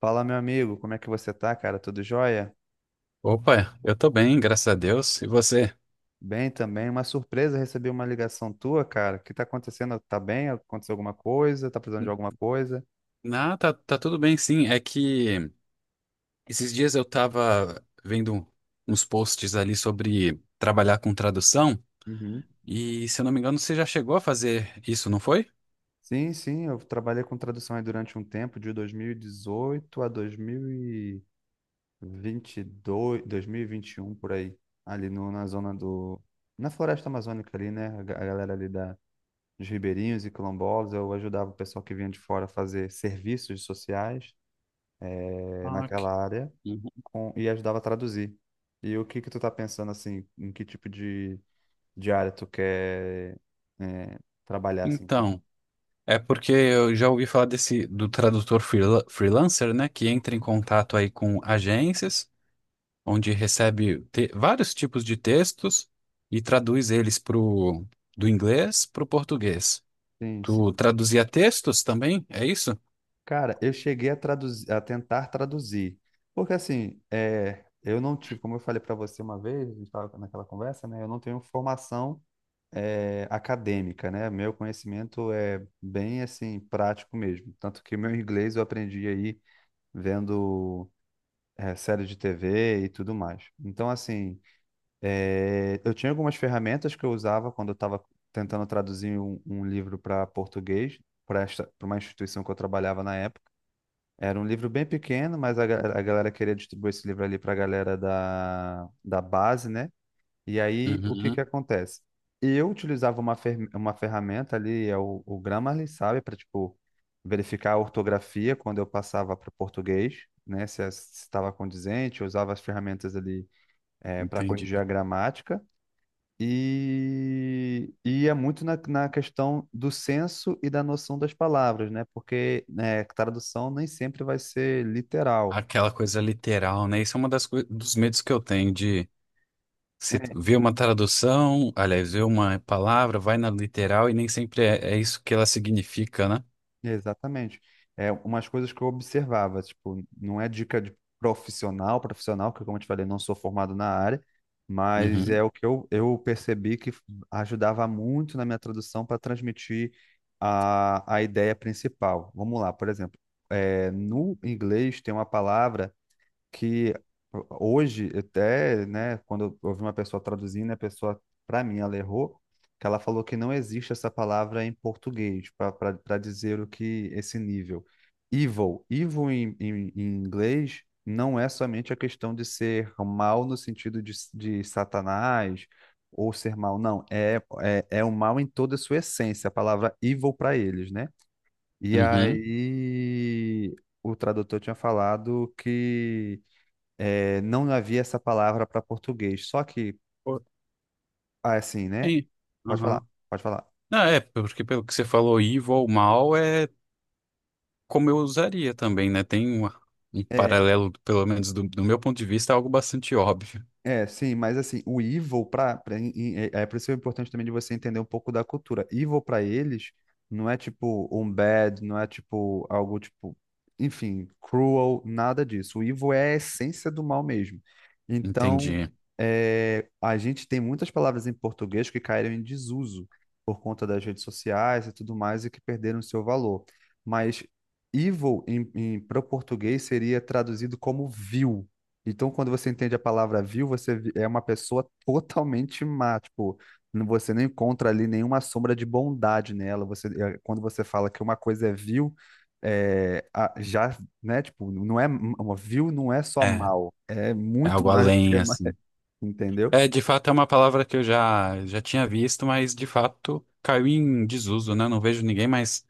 Fala, meu amigo, como é que você tá, cara? Tudo jóia? Opa, eu tô bem, graças a Deus. E você? Bem também. Uma surpresa, recebi uma ligação tua, cara. O que tá acontecendo? Tá bem? Aconteceu alguma coisa? Tá precisando de alguma coisa? Ah, tá, tá tudo bem, sim. É que esses dias eu tava vendo uns posts ali sobre trabalhar com tradução, Uhum. e se eu não me engano, você já chegou a fazer isso, não foi? Sim, eu trabalhei com tradução aí durante um tempo, de 2018 a 2022, 2021, por aí. Ali no, na zona do... Na floresta amazônica ali, né? A galera ali dos ribeirinhos e quilombolas. Eu ajudava o pessoal que vinha de fora a fazer serviços sociais, Ah, ok. naquela área. Uhum. E ajudava a traduzir. E o que que tu tá pensando assim, em que tipo de área tu quer é, trabalhar assim? Então, é porque eu já ouvi falar desse do tradutor freelancer, né, que entra em Uhum. contato aí com agências, onde vários tipos de textos e traduz eles do inglês para o português. Sim, Tu sim. traduzia textos também? É isso? Cara, eu cheguei a traduzir, a tentar traduzir, porque assim, eu não tive, como eu falei para você uma vez, a gente estava naquela conversa, né? Eu não tenho formação acadêmica, né? Meu conhecimento é bem assim prático mesmo, tanto que meu inglês eu aprendi aí vendo série de TV e tudo mais. Então assim, é, eu tinha algumas ferramentas que eu usava quando eu estava tentando traduzir um livro para português, para uma instituição que eu trabalhava na época. Era um livro bem pequeno, mas a galera queria distribuir esse livro ali para a galera da base, né? E aí, o que que Uhum, acontece? Eu utilizava uma ferramenta ali, é o Grammarly, sabe? Para, tipo, verificar a ortografia quando eu passava para o português, né? Se estava condizente, eu usava as ferramentas ali, para entendi. corrigir a gramática. E é muito na questão do senso e da noção das palavras, né? Porque né, tradução nem sempre vai ser literal. Aquela coisa literal, né? Isso é uma dos medos que eu tenho de se É, ver uma tradução, aliás, ver uma palavra, vai na literal e nem sempre é isso que ela significa, né? exatamente. É umas coisas que eu observava, tipo, não é dica de profissional, que como eu te falei, não sou formado na área, mas Uhum, é o que eu percebi que ajudava muito na minha tradução para transmitir a ideia principal. Vamos lá, por exemplo, no inglês tem uma palavra que hoje até, né, quando eu ouvi uma pessoa traduzindo, a pessoa, para mim, ela errou, que ela falou que não existe essa palavra em português para dizer o que esse nível. Evil, evil em inglês não é somente a questão de ser mal no sentido de Satanás ou ser mal, não, é o mal em toda a sua essência, a palavra evil para eles, né? E uhum. aí o tradutor tinha falado que é, não havia essa palavra para português. Só que, Pô, ah, é assim, né? é, Pode falar, aham. pode falar. Não, é, porque pelo que você falou, evil, mal, é como eu usaria também, né? Um É. paralelo, pelo menos do meu ponto de vista, é algo bastante óbvio. É, sim, mas assim, o evil é por isso que é importante também de você entender um pouco da cultura. Evil pra eles não é tipo um bad, não é tipo algo tipo, enfim, cruel, nada disso. O evil é a essência do mal mesmo. Então, Entendi. é, a gente tem muitas palavras em português que caíram em desuso por conta das redes sociais e tudo mais e que perderam seu valor. Mas evil para o português seria traduzido como vil. Então, quando você entende a palavra vil, você é uma pessoa totalmente má, tipo, você não encontra ali nenhuma sombra de bondade nela. Você, é, quando você fala que uma coisa é vil, é, a- já, né, tipo, não é m- uma vil, não é só É, mal, é é muito algo mais do que além, é mal, assim. entendeu? É, de fato, é uma palavra que já tinha visto, mas de fato caiu em desuso, né? Não vejo ninguém mais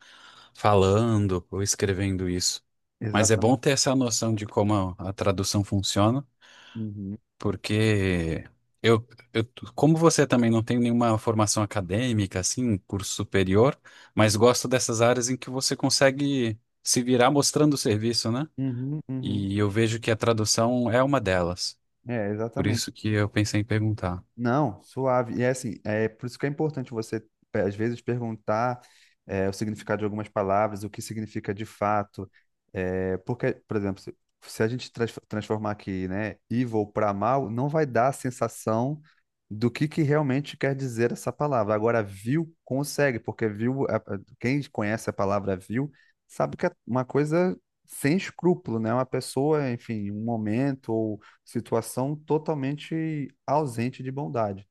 falando ou escrevendo isso. Mas é Exatamente. bom ter essa noção de como a tradução funciona. Uhum, Porque eu, eu, como você também não tem nenhuma formação acadêmica, assim, curso superior, mas gosto dessas áreas em que você consegue se virar mostrando o serviço, né? uhum. E eu vejo que a tradução é uma delas. É, Por exatamente. isso que eu pensei em perguntar. Não, suave. E é assim, é por isso que é importante você, às vezes, perguntar o significado de algumas palavras, o que significa de fato. É, porque, por exemplo, se a gente transformar aqui, né, evil para mal, não vai dar a sensação do que realmente quer dizer essa palavra. Agora, vil consegue, porque vil, quem conhece a palavra vil sabe que é uma coisa sem escrúpulo, né? Uma pessoa, enfim, um momento situação totalmente ausente de bondade.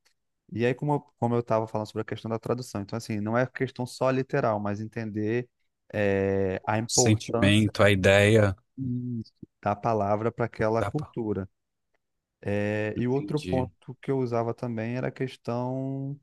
E aí, como como eu estava falando sobre a questão da tradução, então, assim, não é questão só literal, mas entender O a importância. sentimento, a ideia. Isso. Da palavra para aquela Dá pra... cultura. Eh, e o outro Entendi. ponto que eu usava também era a questão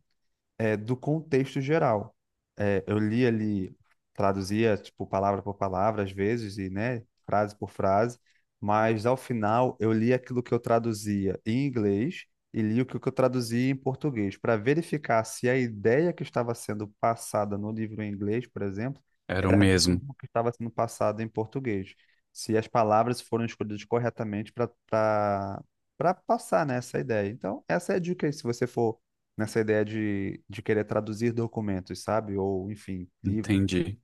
do contexto geral. É, eu li ali, traduzia, tipo, palavra por palavra, às vezes, e, né, frase por frase, mas ao final eu li aquilo que eu traduzia em inglês e li o que eu traduzia em português, para verificar se a ideia que estava sendo passada no livro em inglês, por exemplo, Era o era a mesmo. mesma que estava sendo passada em português. Se as palavras foram escolhidas corretamente para passar, né, essa ideia. Então, essa é a dica aí, se você for nessa ideia de querer traduzir documentos, sabe? Ou, enfim, livros. Entendi.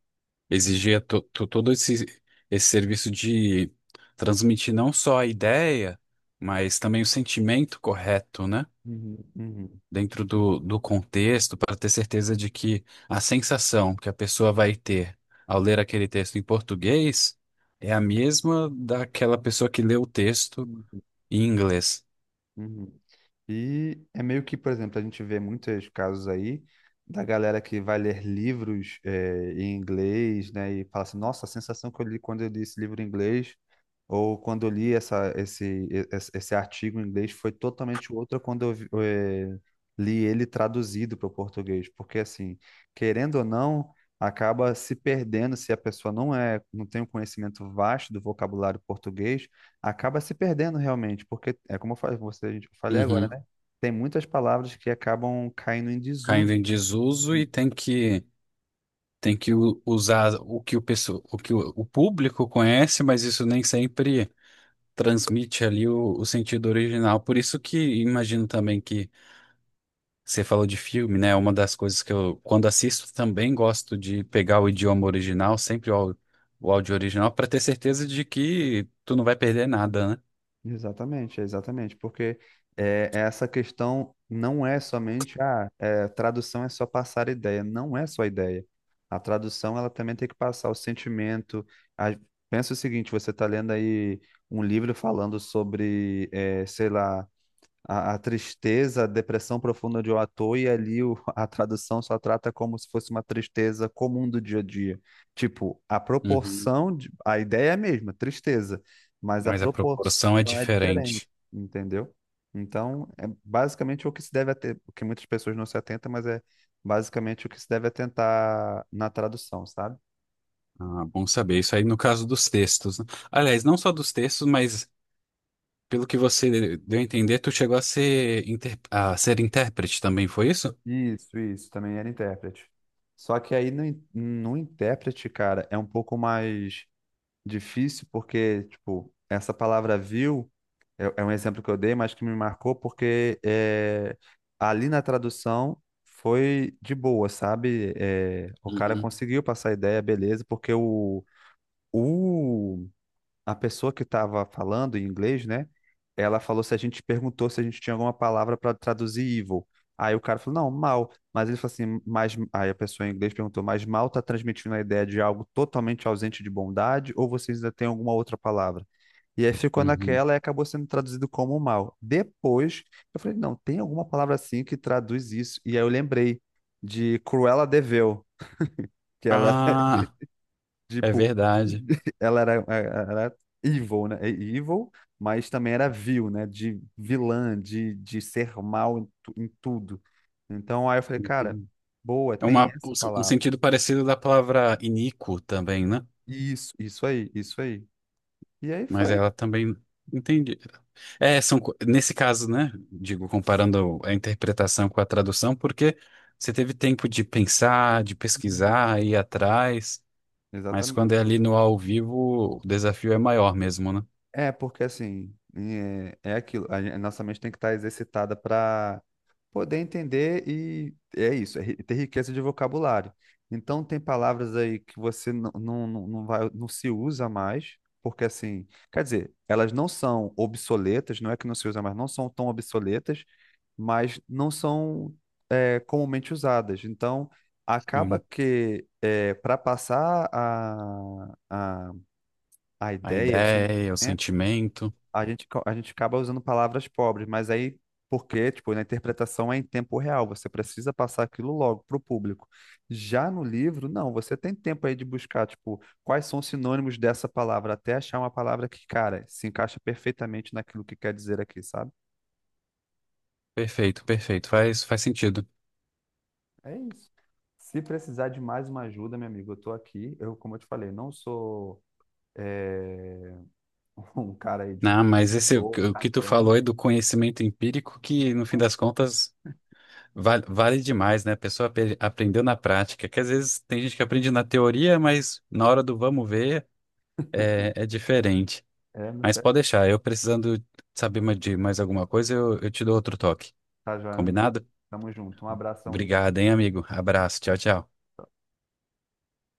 Exigia todo esse serviço de transmitir não só a ideia, mas também o sentimento correto, né? Uhum, Uhum, Dentro do contexto, para ter certeza de que a sensação que a pessoa vai ter ao ler aquele texto em português é a mesma daquela pessoa que lê o texto uhum. em inglês. Uhum. E é meio que, por exemplo, a gente vê muitos casos aí da galera que vai ler livros em inglês, né, e fala assim, nossa, a sensação que eu li quando eu li esse livro em inglês, ou quando eu li essa, esse, e- esse, esse artigo em inglês foi totalmente outra quando eu li ele traduzido para o português, porque assim, querendo ou não, acaba se perdendo se a pessoa não é, não tem um conhecimento vasto do vocabulário português, acaba se perdendo realmente, porque é como eu falei, você, eu falei agora, Uhum. né? Tem muitas palavras que acabam caindo em Caindo desuso. em desuso e tem que usar o que o pessoa, o que o público conhece, mas isso nem sempre transmite ali o sentido original. Por isso que imagino também que você falou de filme, né? Uma das coisas que eu, quando assisto, também gosto de pegar o idioma original, sempre o áudio original, para ter certeza de que tu não vai perder nada, né? Exatamente, exatamente, porque essa questão não é somente a tradução é só passar ideia, não é só ideia. A tradução ela também tem que passar o sentimento. A- Pensa o seguinte, você está lendo aí um livro falando sobre, é, sei lá, a tristeza, a depressão profunda de um ator, e ali a tradução só trata como se fosse uma tristeza comum do dia a dia. Tipo, Uhum. A ideia é a mesma, tristeza, mas a Mas a proporção é proporção é diferente, diferente. entendeu? Então, é basicamente o que se deve ater, o que muitas pessoas não se atentam, mas é basicamente o que se deve atentar na tradução, sabe? Ah, bom saber. Isso aí no caso dos textos, né? Aliás, não só dos textos, mas pelo que você deu a entender, tu chegou a ser intérprete também, foi isso? Isso, também era intérprete. Só que aí no intérprete, cara, é um pouco mais difícil porque, tipo, essa palavra viu é um exemplo que eu dei, mas que me marcou porque é, ali na tradução foi de boa, sabe? É, o cara Uhum. conseguiu passar a ideia, beleza, porque o a pessoa que estava falando em inglês, né? Ela falou se a gente perguntou se a gente tinha alguma palavra para traduzir evil. Aí o cara falou, não, mal. Mas ele falou assim, mas. Aí a pessoa em inglês perguntou, mas mal está transmitindo a ideia de algo totalmente ausente de bondade, ou vocês ainda têm alguma outra palavra? E aí ficou Uhum. naquela e acabou sendo traduzido como mal. Depois, eu falei, não, tem alguma palavra assim que traduz isso. E aí eu lembrei de Cruella de Vil, que ela era. Ah, é Tipo, verdade. ela era evil, né? É Evil, mas também era vil, né? De vilã, de ser mal em tudo. Então aí eu falei, cara, boa, É tem uma, essa um palavra. sentido parecido da palavra iníquo também, né? Isso aí. E aí Mas foi. ela também entendi. É, são, nesse caso, né? Digo, comparando a interpretação com a tradução, porque você teve tempo de pensar, de Uhum. pesquisar, ir atrás, mas quando Exatamente. é ali no ao vivo, o desafio é maior mesmo, né? É, porque assim, é aquilo, a nossa mente tem que estar exercitada para poder entender e é isso, ter riqueza de vocabulário. Então tem palavras aí que você não vai, não se usa mais, porque assim, quer dizer, elas não são obsoletas, não é que não se usa mais, não são tão obsoletas, mas não são comumente usadas. Então acaba Sim. que para passar a A ideia, você, ideia, o é, sentimento. a gente, a gente acaba usando palavras pobres, mas aí, porque, tipo, na interpretação é em tempo real, você precisa passar aquilo logo para o público. Já no livro, não, você tem tempo aí de buscar, tipo, quais são os sinônimos dessa palavra, até achar uma palavra que, cara, se encaixa perfeitamente naquilo que quer dizer aqui, sabe? Perfeito, perfeito. Faz sentido. É isso. Se precisar de mais uma ajuda, meu amigo, eu tô aqui. Eu, como eu te falei, não sou eh, um cara aí de Não, mas esse, cultor, o que tu acadêmico. falou é do conhecimento empírico que, no fim das contas, vale, vale demais, né? A pessoa aprendeu na prática, que às vezes tem gente que aprende na teoria, mas na hora do vamos ver é, é diferente. É, não Mas tá pode deixar, eu precisando saber de mais alguma coisa, eu te dou outro toque. Tá joia, meu amigo. Combinado? Tamo junto. Um abração Obrigado, aí. hein, amigo? Abraço, tchau, tchau.